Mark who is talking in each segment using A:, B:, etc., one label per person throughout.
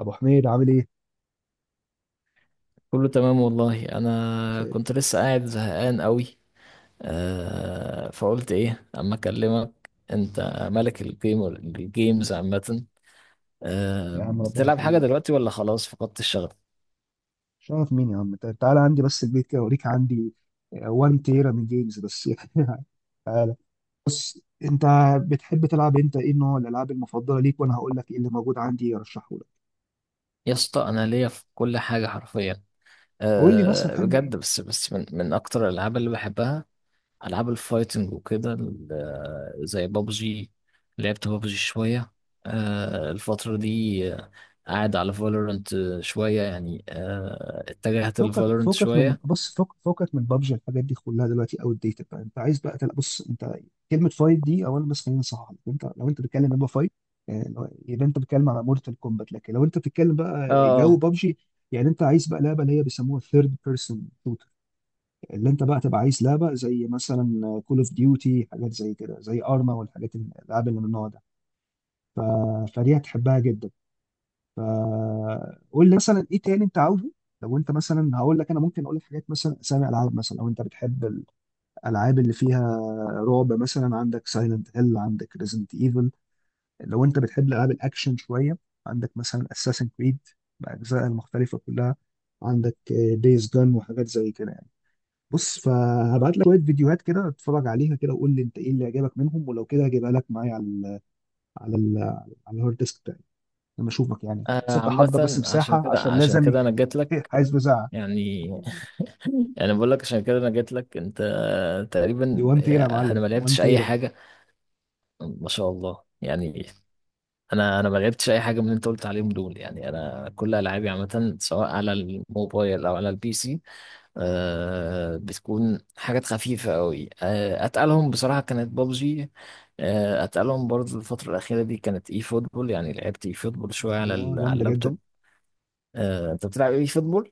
A: ابو حميد عامل ايه؟
B: كله تمام والله. انا
A: زي
B: كنت
A: الفل.
B: لسه قاعد زهقان قوي. آه، فقلت ايه اما اكلمك انت، ملك الجيم الجيمز عامه. آه،
A: يا عم ربنا
B: بتلعب حاجه
A: يخليك.
B: دلوقتي ولا خلاص فقدت الشغف؟
A: شرف مين يا عم. تعالى عندي بس البيت كده اوريك عندي 1 تيرا من جيمز بس يعني. تعالى انت. بتحب تلعب انت ايه نوع الالعاب المفضله ليك؟ وانا هقول لك ايه اللي موجود عندي ارشحه لك.
B: يا اسطى انا ليا في كل حاجه حرفيا.
A: قول لي مثلا
B: آه
A: تحب إيه؟
B: بجد، بس من اكتر الالعاب اللي بحبها العاب الفايتنج وكده زي بابجي. لعبت بابجي شويه الفتره دي. آه، قاعد على فالورنت شويه يعني. اتجهت
A: فوقك
B: لفالورنت
A: فوقك من
B: شويه.
A: بص فوق فوقك من بابجي الحاجات دي كلها دلوقتي اوت ديتد بقى. انت عايز بقى تلعب، بص انت، كلمه فايت دي اولا بس خلينا نصحح لك. انت لو انت بتتكلم يبقى فايت، يعني يبقى انت بتتكلم على مورتال كومبات. لكن لو انت بتتكلم بقى جو
B: اه
A: بابجي، يعني انت عايز بقى لعبه اللي هي بيسموها ثيرد بيرسون شوتر. اللي انت بقى تبقى عايز لعبه زي مثلا كول اوف ديوتي، حاجات زي كده، زي ارما، والحاجات الالعاب اللي من النوع ده. ف... فدي هتحبها جدا. قول لي مثلا ايه تاني انت عاوزه. لو انت مثلا هقول لك، انا ممكن اقول لك حاجات مثلا اسامي العاب مثلا، او انت بتحب الالعاب اللي فيها رعب مثلا، عندك سايلنت هيل، عندك ريزنت ايفل. لو انت بتحب العاب الاكشن شويه، عندك مثلا اساسن كريد باجزائها المختلفه كلها، عندك دايز جان وحاجات زي كده يعني. بص فهبعت لك شويه فيديوهات كده، اتفرج عليها كده وقول لي انت ايه اللي عجبك منهم، ولو كده هجيبها لك معايا على ال على ال على الهارد ديسك بتاعي لما اشوفك يعني كده. بس انت حضر بس
B: عامه، عشان
A: مساحه
B: كده
A: عشان
B: عشان
A: لازم.
B: كده انا جات لك
A: عايز مساحه.
B: يعني. يعني بقول لك عشان كده انا جات لك انت.
A: دي
B: تقريبا
A: 1 تيرا يا
B: انا
A: معلم،
B: ما
A: 1
B: لعبتش اي
A: تيرا.
B: حاجه. ما شاء الله يعني. انا ما لعبتش اي حاجه من اللي انت قلت عليهم دول. يعني انا كل العابي عامه سواء على الموبايل او على البي سي آه بتكون حاجات خفيفة قوي. آه، أتقلهم بصراحة كانت بابجي. آه، أتقلهم برضو الفترة الأخيرة دي كانت إي فوتبول. يعني لعبت إي فوتبول شوية على
A: اه
B: على
A: جامده جدا.
B: اللابتوب. آه، أنت بتلعب إي فوتبول؟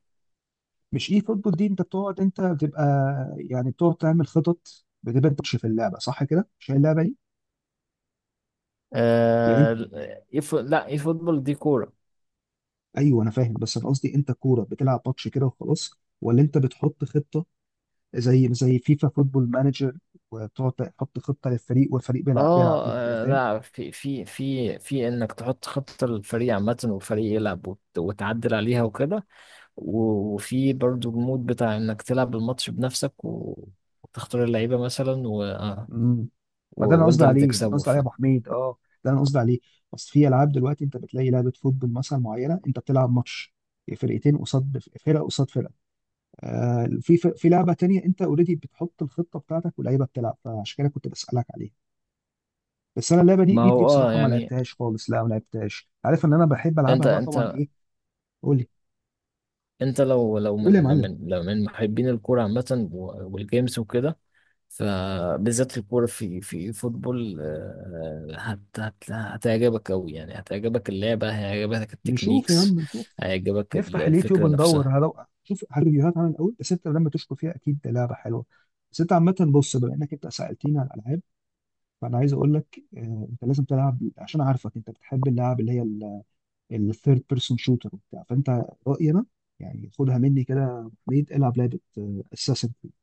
A: مش اي فوتبول دي انت بتقعد، انت بتبقى يعني بتقعد تعمل خطط، بتبقى انت بتش في اللعبه صح كده؟ مش هي اللعبه دي؟ يعني انت،
B: آه، لا، إي فوتبول دي كورة.
A: ايوه انا فاهم، بس انا قصدي انت كوره بتلعب ماتش كده وخلاص، ولا انت بتحط خطه زي فيفا فوتبول مانجر وتقعد تحط خطه للفريق والفريق بيلعب
B: آه،
A: بيها وكده، فاهم؟
B: لا، في إنك تحط خطة للفريق عامة والفريق يلعب وتعدل عليها وكده. وفي برضو المود بتاع إنك تلعب الماتش بنفسك وتختار اللعيبة مثلا
A: مم. ما ده انا
B: وانت
A: قصدي
B: اللي
A: عليه، انا
B: تكسبه
A: قصدي عليه يا ابو حميد اه، ده انا قصدي عليه. بس في العاب دلوقتي انت بتلاقي لعبه فوتبول مثلا معينه، انت بتلعب ماتش فرقتين، قصاد فرقه قصاد فرقه. آه، في لعبه تانية انت اوريدي بتحط الخطه بتاعتك واللعيبه بتلعب، فعشان كده كنت بسالك عليها. بس انا اللعبه دي
B: ما هو اه
A: بصراحه ما
B: يعني.
A: لعبتهاش خالص، لا ما لعبتهاش، عارف ان انا بحب العبها
B: انت
A: بقى طبعا
B: انت
A: ايه. قول لي.
B: انت لو لو
A: قول يا
B: من
A: معلم.
B: من لو من محبين الكوره عامه والجيمز وكده، فبالذات الكوره في فوتبول آه، هت هتعجبك قوي. يعني هتعجبك اللعبه، هيعجبك
A: نشوف يا
B: التكنيكس،
A: عم نشوف.
B: هيعجبك
A: نفتح اليوتيوب
B: الفكره
A: ندور
B: نفسها.
A: شوف ريفيوهات عن الاول، بس انت لما تشكر فيها اكيد ده لعبه حلوه. بس انت عامه، بص، بما انك انت سالتني على الالعاب فانا عايز اقول لك انت لازم تلعب، عشان عارفك انت بتحب اللعب اللي هي الثيرد بيرسون شوتر وبتاع، فانت رايي انا، يعني خدها مني كده يا أبو حميد، العب لعبه اساسن كريد.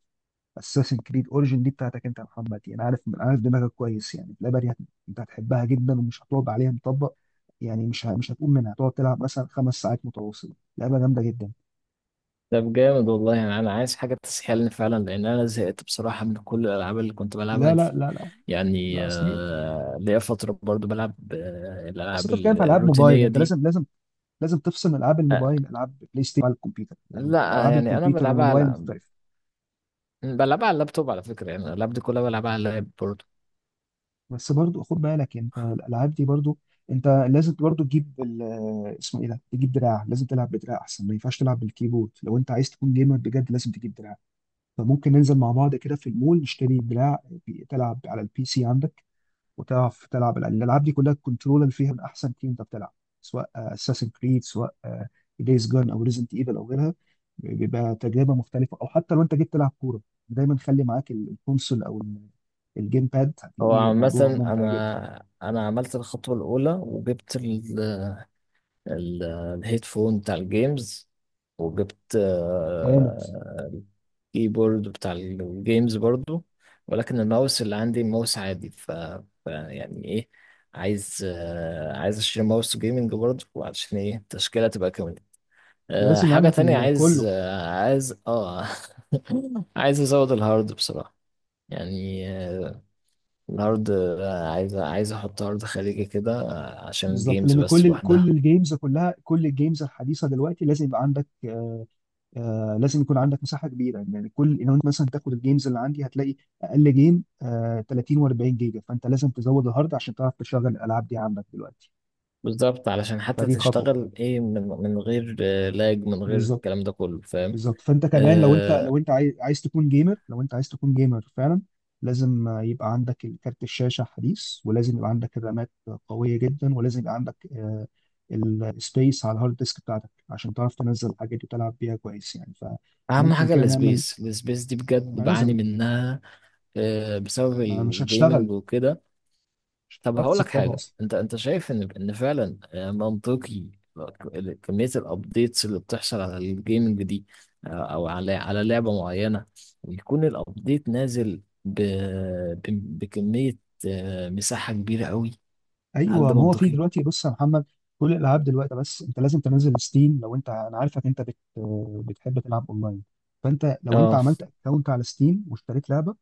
A: اساسن كريد اوريجن دي بتاعتك انت يا محمد، يعني عارف دماغك كويس، يعني اللعبه دي انت هتحبها جدا ومش هتقعد عليها مطبق، يعني مش هتقوم منها، هتقعد تلعب مثلا خمس ساعات متواصله، لعبه جامده جدا.
B: طب جامد والله يعني. انا عايز حاجه تسحلني فعلا لان انا زهقت بصراحه من كل الالعاب اللي كنت بلعبها
A: لا لا
B: دي.
A: لا لا.
B: يعني
A: لا اصلي،
B: ليا فتره برضو بلعب
A: اصل
B: الالعاب
A: انت بتتكلم في العاب موبايل،
B: الروتينيه
A: انت
B: دي.
A: لازم لازم تفصل العاب
B: أه
A: الموبايل، العاب بلاي ستيشن على الكمبيوتر، يعني
B: لا
A: الالعاب
B: يعني انا
A: الكمبيوتر
B: بلعبها على
A: والموبايل مختلفه.
B: بلعبها على اللابتوب على فكره. يعني اللاب دي كلها بلعبها على اللاب برضه.
A: بس برضو خد بالك انت الالعاب دي برضو انت لازم برضو تجيب اسمه ايه ده، تجيب دراع. لازم تلعب بدراع احسن، ما ينفعش تلعب بالكيبورد لو انت عايز تكون جيمر بجد، لازم تجيب دراع. فممكن ننزل مع بعض كده في المول نشتري دراع تلعب على البي سي عندك وتعرف تلعب الألعاب، دي كلها الكنترول اللي فيها من أحسن تيم. أنت بتلعب سواء اساسن كريد، سواء دايز جون أو ريزنت ايفل أو غيرها، بيبقى تجربة مختلفة. أو حتى لو أنت جيت تلعب كورة، دايما خلي معاك الكونسول أو الجيم باد، هتلاقيه
B: هو
A: موضوع
B: مثلا
A: ممتع جدا.
B: انا عملت الخطوه الاولى وجبت ال... الهيدفون بتاع الجيمز، وجبت
A: جامد.
B: الكيبورد بتاع الجيمز برضو، ولكن الماوس اللي عندي ماوس عادي ف... ف يعني ايه، عايز عايز اشتري ماوس جيمنج برضو، وعشان ايه التشكيله تبقى. أه
A: لازم يبقى
B: حاجة
A: عندك
B: تانية عايز
A: كله.
B: أه عايز اه. عايز ازود الهارد بصراحة. يعني الهارد عايز احط هارد خارجي كده آه، عشان
A: بالظبط،
B: الجيمز
A: لأن
B: بس
A: كل
B: لوحدها.
A: الجيمز كلها، كل الجيمز الحديثة دلوقتي لازم يبقى عندك آه لازم يكون عندك مساحه كبيره، يعني كل لو انت مثلا تاخد الجيمز اللي عندي هتلاقي اقل جيم 30 و40 جيجا، فانت لازم تزود الهارد عشان تعرف تشغل الالعاب دي عندك دلوقتي.
B: بالظبط، علشان حتى
A: فدي خطوه.
B: تشتغل ايه من غير آه، لاج، من غير
A: بالظبط.
B: الكلام ده كله، فاهم.
A: بالظبط، فانت كمان لو انت
B: آه،
A: عايز تكون جيمر، لو انت عايز تكون جيمر فعلا، لازم يبقى عندك كارت الشاشه حديث، ولازم يبقى عندك الرامات قويه جدا، ولازم يبقى عندك السبيس على الهارد ديسك بتاعتك عشان تعرف تنزل الحاجات دي وتلعب بيها كويس يعني.
B: اهم
A: فممكن
B: حاجة
A: كده نعمل،
B: السبيس. دي
A: ما
B: بجد بعاني
A: لازم،
B: منها بسبب
A: ما مش
B: الجيمنج
A: هتشتغل،
B: وكده.
A: مش
B: طب
A: هتعرف
B: هقول لك
A: تسطبها
B: حاجة.
A: اصلا.
B: انت شايف ان فعلا آه، منطقي آه، كمية الابديتس اللي بتحصل على الجيمنج دي آه، او على لعبة معينة، ويكون الابديت نازل بكمية آه، مساحة كبيرة قوي؟ هل
A: ايوه،
B: ده
A: ما هو في
B: منطقي؟
A: دلوقتي، بص يا محمد، كل الالعاب دلوقتي، بس انت لازم تنزل ستيم. لو انت، انا عارفك انت بتحب تلعب اونلاين، فانت لو انت
B: اه
A: عملت اكونت على ستيم واشتريت لعبه،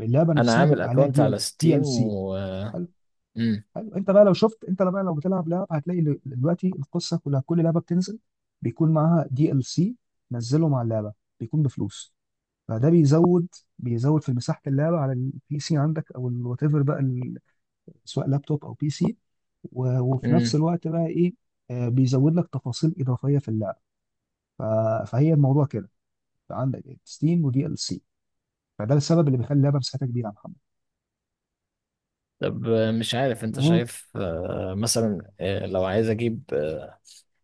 A: اللعبه
B: انا
A: نفسها
B: عامل
A: بيبقى عليها
B: اكونت على
A: دي
B: ستيم.
A: ال سي.
B: و
A: حلو.
B: مم.
A: حلو. انت بقى لو شفت، انت بقى لو بتلعب لعبه هتلاقي دلوقتي القصه كلها، كل لعبه بتنزل بيكون معاها دي ال سي، نزله مع اللعبه بيكون بفلوس، فده بيزود، في مساحه اللعبه على البي سي عندك او الوات ايفر بقى سواء لابتوب او بي سي، وفي نفس
B: مم.
A: الوقت بقى ايه، بيزود لك تفاصيل اضافيه في اللعبه. ف... فهي الموضوع كده، عندك ستيم ودي ال سي، فده السبب اللي بيخلي اللعبه مساحتها كبيره يا محمد.
B: طب آه، مش عارف انت
A: اهو.
B: شايف آه، مثلا آه، لو عايز اجيب آه،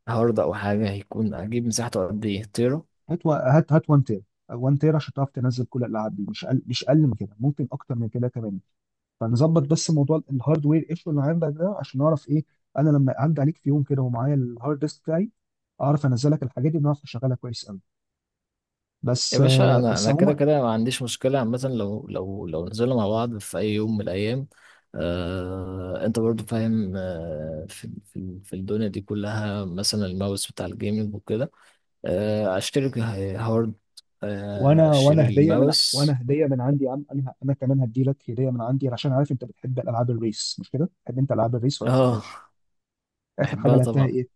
B: هارد او حاجة، هيكون اجيب مساحته قد ايه؟ تيرا؟
A: هات 1 تير، 1 تير عشان تعرف تنزل كل الالعاب دي، مش اقل من كده، ممكن اكتر من كده كمان. فنظبط بس موضوع الهاردوير ايشو اللي عندك ده عشان نعرف ايه، انا لما اعدي عليك في يوم كده ومعايا الهارد ديسك بتاعي اعرف انزلك الحاجات دي ونعرف نشغلها كويس قوي. بس
B: يا باشا انا
A: بس
B: انا كده
A: عموما،
B: كده ما عنديش مشكله عامه، لو لو نزلنا مع بعض في اي يوم من الايام. آه، انت برضو فاهم آه في الدنيا دي كلها، مثلا الماوس بتاع الجيمنج وكده، آه اشتري هارد، آه
A: وانا وانا
B: اشتري
A: هديه من
B: الماوس.
A: وانا هديه من عندي يا عم، انا كمان هدي لك هديه من عندي، عشان عارف انت بتحب الالعاب الريس مش كده؟ بتحب انت العاب الريس ولا
B: اه
A: بتحبهاش؟ اخر حاجه
B: بحبها
A: لعبتها
B: طبعا.
A: ايه؟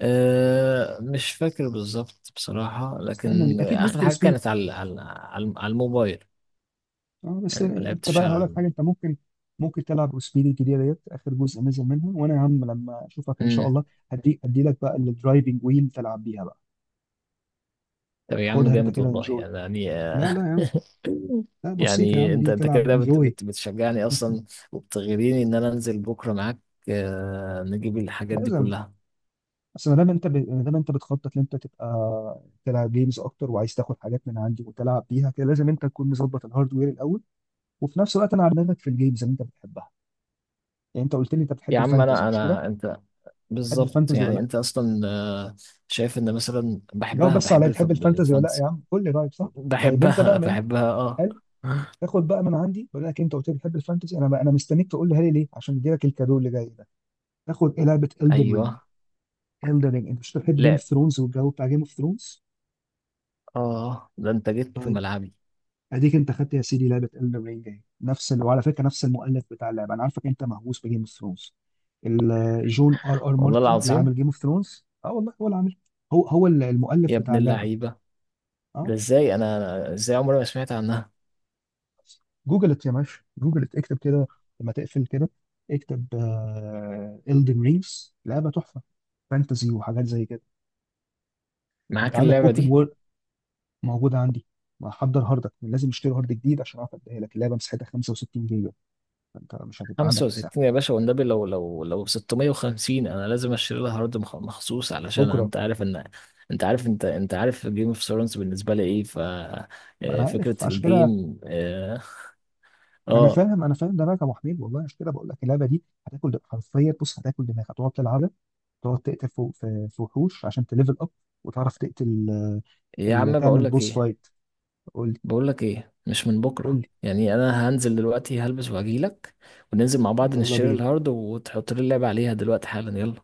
B: آه، مش فاكر بالظبط بصراحه،
A: استنى،
B: لكن
A: اكيد نيد
B: اخر
A: فور
B: حاجه
A: سبيد.
B: كانت على على الموبايل.
A: اه، بس
B: يعني ما
A: انت
B: لعبتش
A: بقى
B: على
A: هقول لك حاجه، انت ممكن تلعب سبيد الجديده ديت، اخر جزء نزل منها، وانا يا عم لما اشوفك ان شاء
B: مم.
A: الله هدي لك بقى الدرايفنج ويل تلعب بيها بقى.
B: طب يا عم
A: خدها انت
B: جامد
A: كده
B: والله
A: انجوي.
B: يعني.
A: لا لا يا عم. لا بسيطه يا
B: يعني
A: عم،
B: انت
A: دي
B: انت
A: تلعب
B: كده بت
A: انجوي.
B: بت بتشجعني اصلا، وبتغريني ان انا انزل بكره معاك آه، نجيب الحاجات دي
A: لازم.
B: كلها.
A: بس ما دام انت بتخطط ان انت تبقى تلعب جيمز اكتر وعايز تاخد حاجات من عندي وتلعب بيها كده، لازم انت تكون مظبط الهاردوير الاول، وفي نفس الوقت انا على دماغك في الجيمز اللي انت بتحبها. يعني انت قلت لي انت بتحب
B: يا عم
A: الفانتزي
B: انا
A: مش كده؟
B: انا انت
A: بتحب
B: بالظبط.
A: الفانتزي ولا
B: يعني
A: لا؟
B: انت اصلا آه، شايف ان مثلا
A: جاوب
B: بحبها،
A: بس
B: بحب
A: عليا، بتحب الفانتزي ولا لا
B: الفانتسي.
A: يا عم؟ قول لي رايك صح؟ طيب انت
B: بحبها
A: بقى من
B: بحبها اه.
A: قال تاخد بقى من عندي، بقول لك انت قلت لي بتحب الفانتزي، انا بقى انا مستنيك تقول لي هالي ليه عشان ادي لك الكادو اللي جاي ده. تاخد ايه؟ لعبه Elden
B: ايوه
A: Ring. Elden Ring، انت مش بتحب جيم اوف
B: لعب
A: ثرونز والجو بتاع جيم اوف ثرونز؟
B: اه. ده انت جيت في ملعبي
A: اديك انت خدت يا سيدي لعبه Elden Ring اهي، نفس وعلى فكره نفس المؤلف بتاع اللعبه، انا عارفك انت مهووس بجيم اوف ثرونز. جون ار ار
B: والله
A: مارتن اللي
B: العظيم.
A: عامل جيم اوف ثرونز، اه والله هو اللي عامل، هو هو
B: يا
A: المؤلف بتاع
B: ابن
A: اللعبه.
B: اللعيبه،
A: اه.
B: ده ازاي انا ازاي عمري ما سمعت عنها؟
A: جوجلت يا باشا، جوجلت، اكتب كده لما تقفل كده، اكتب إلدن رينجز، لعبة تحفة، فانتزي وحاجات زي كده. انت
B: معاك
A: عندك
B: اللعبه
A: اوبن
B: دي؟
A: وورلد؟ موجودة عندي. محضر هاردك؟ لازم اشتري هارد جديد عشان اعرف اديها لك، اللعبة مساحتها 65 جيجا، فانت مش هتبقى عندك مساحة.
B: 65 يا باشا والنبي، لو لو 650، انا لازم اشتري لها هارد مخصوص. علشان
A: بكرة.
B: انت عارف ان انت عارف، انت عارف جيم اوف ثرونز بالنسبه لي ايه، ف
A: انا
B: آه، فكره
A: عارف عشان كده.
B: الجيم اه آه.
A: انا فاهم دماغك يا ابو حميد والله، عشان كده بقول لك اللعبه دي هتاكل حرفيا، بص هتاكل دماغك، هتقعد تلعبها، تقعد تقتل في وحوش عشان تليفل اب وتعرف تقتل،
B: يا عم بقول
A: تعمل
B: لك
A: بوس
B: ايه،
A: فايت. قول لي.
B: بقول لك ايه، مش من
A: قول
B: بكره
A: لي.
B: يعني، انا هنزل دلوقتي هلبس وهجي لك، وننزل مع بعض
A: يلا
B: نشتري
A: بينا.
B: الهارد وتحط لي اللعبه عليها دلوقتي حالا، يلا.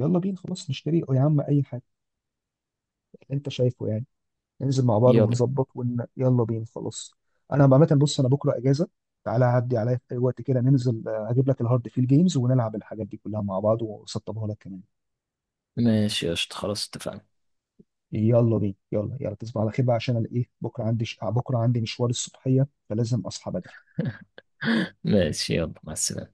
A: يلا بينا خلاص، نشتري يا عم اي حاجه اللي انت شايفه يعني، ننزل مع بعض
B: يلا
A: ونظبط يلا بينا خلاص. انا عامه بص، انا بكره اجازه، تعالى عدي عليا في اي وقت كده، ننزل اجيب لك الهارد فيل جيمز ونلعب الحاجات دي كلها مع بعض واسطبها لك كمان.
B: ماشي قشطة خلاص اتفقنا.
A: يلا بينا. يلا يلا تصبح على خير بقى، عشان انا ايه، بكره عندي بكره عندي مشوار الصبحيه فلازم اصحى بدري.
B: ماشي يلا مع السلامه.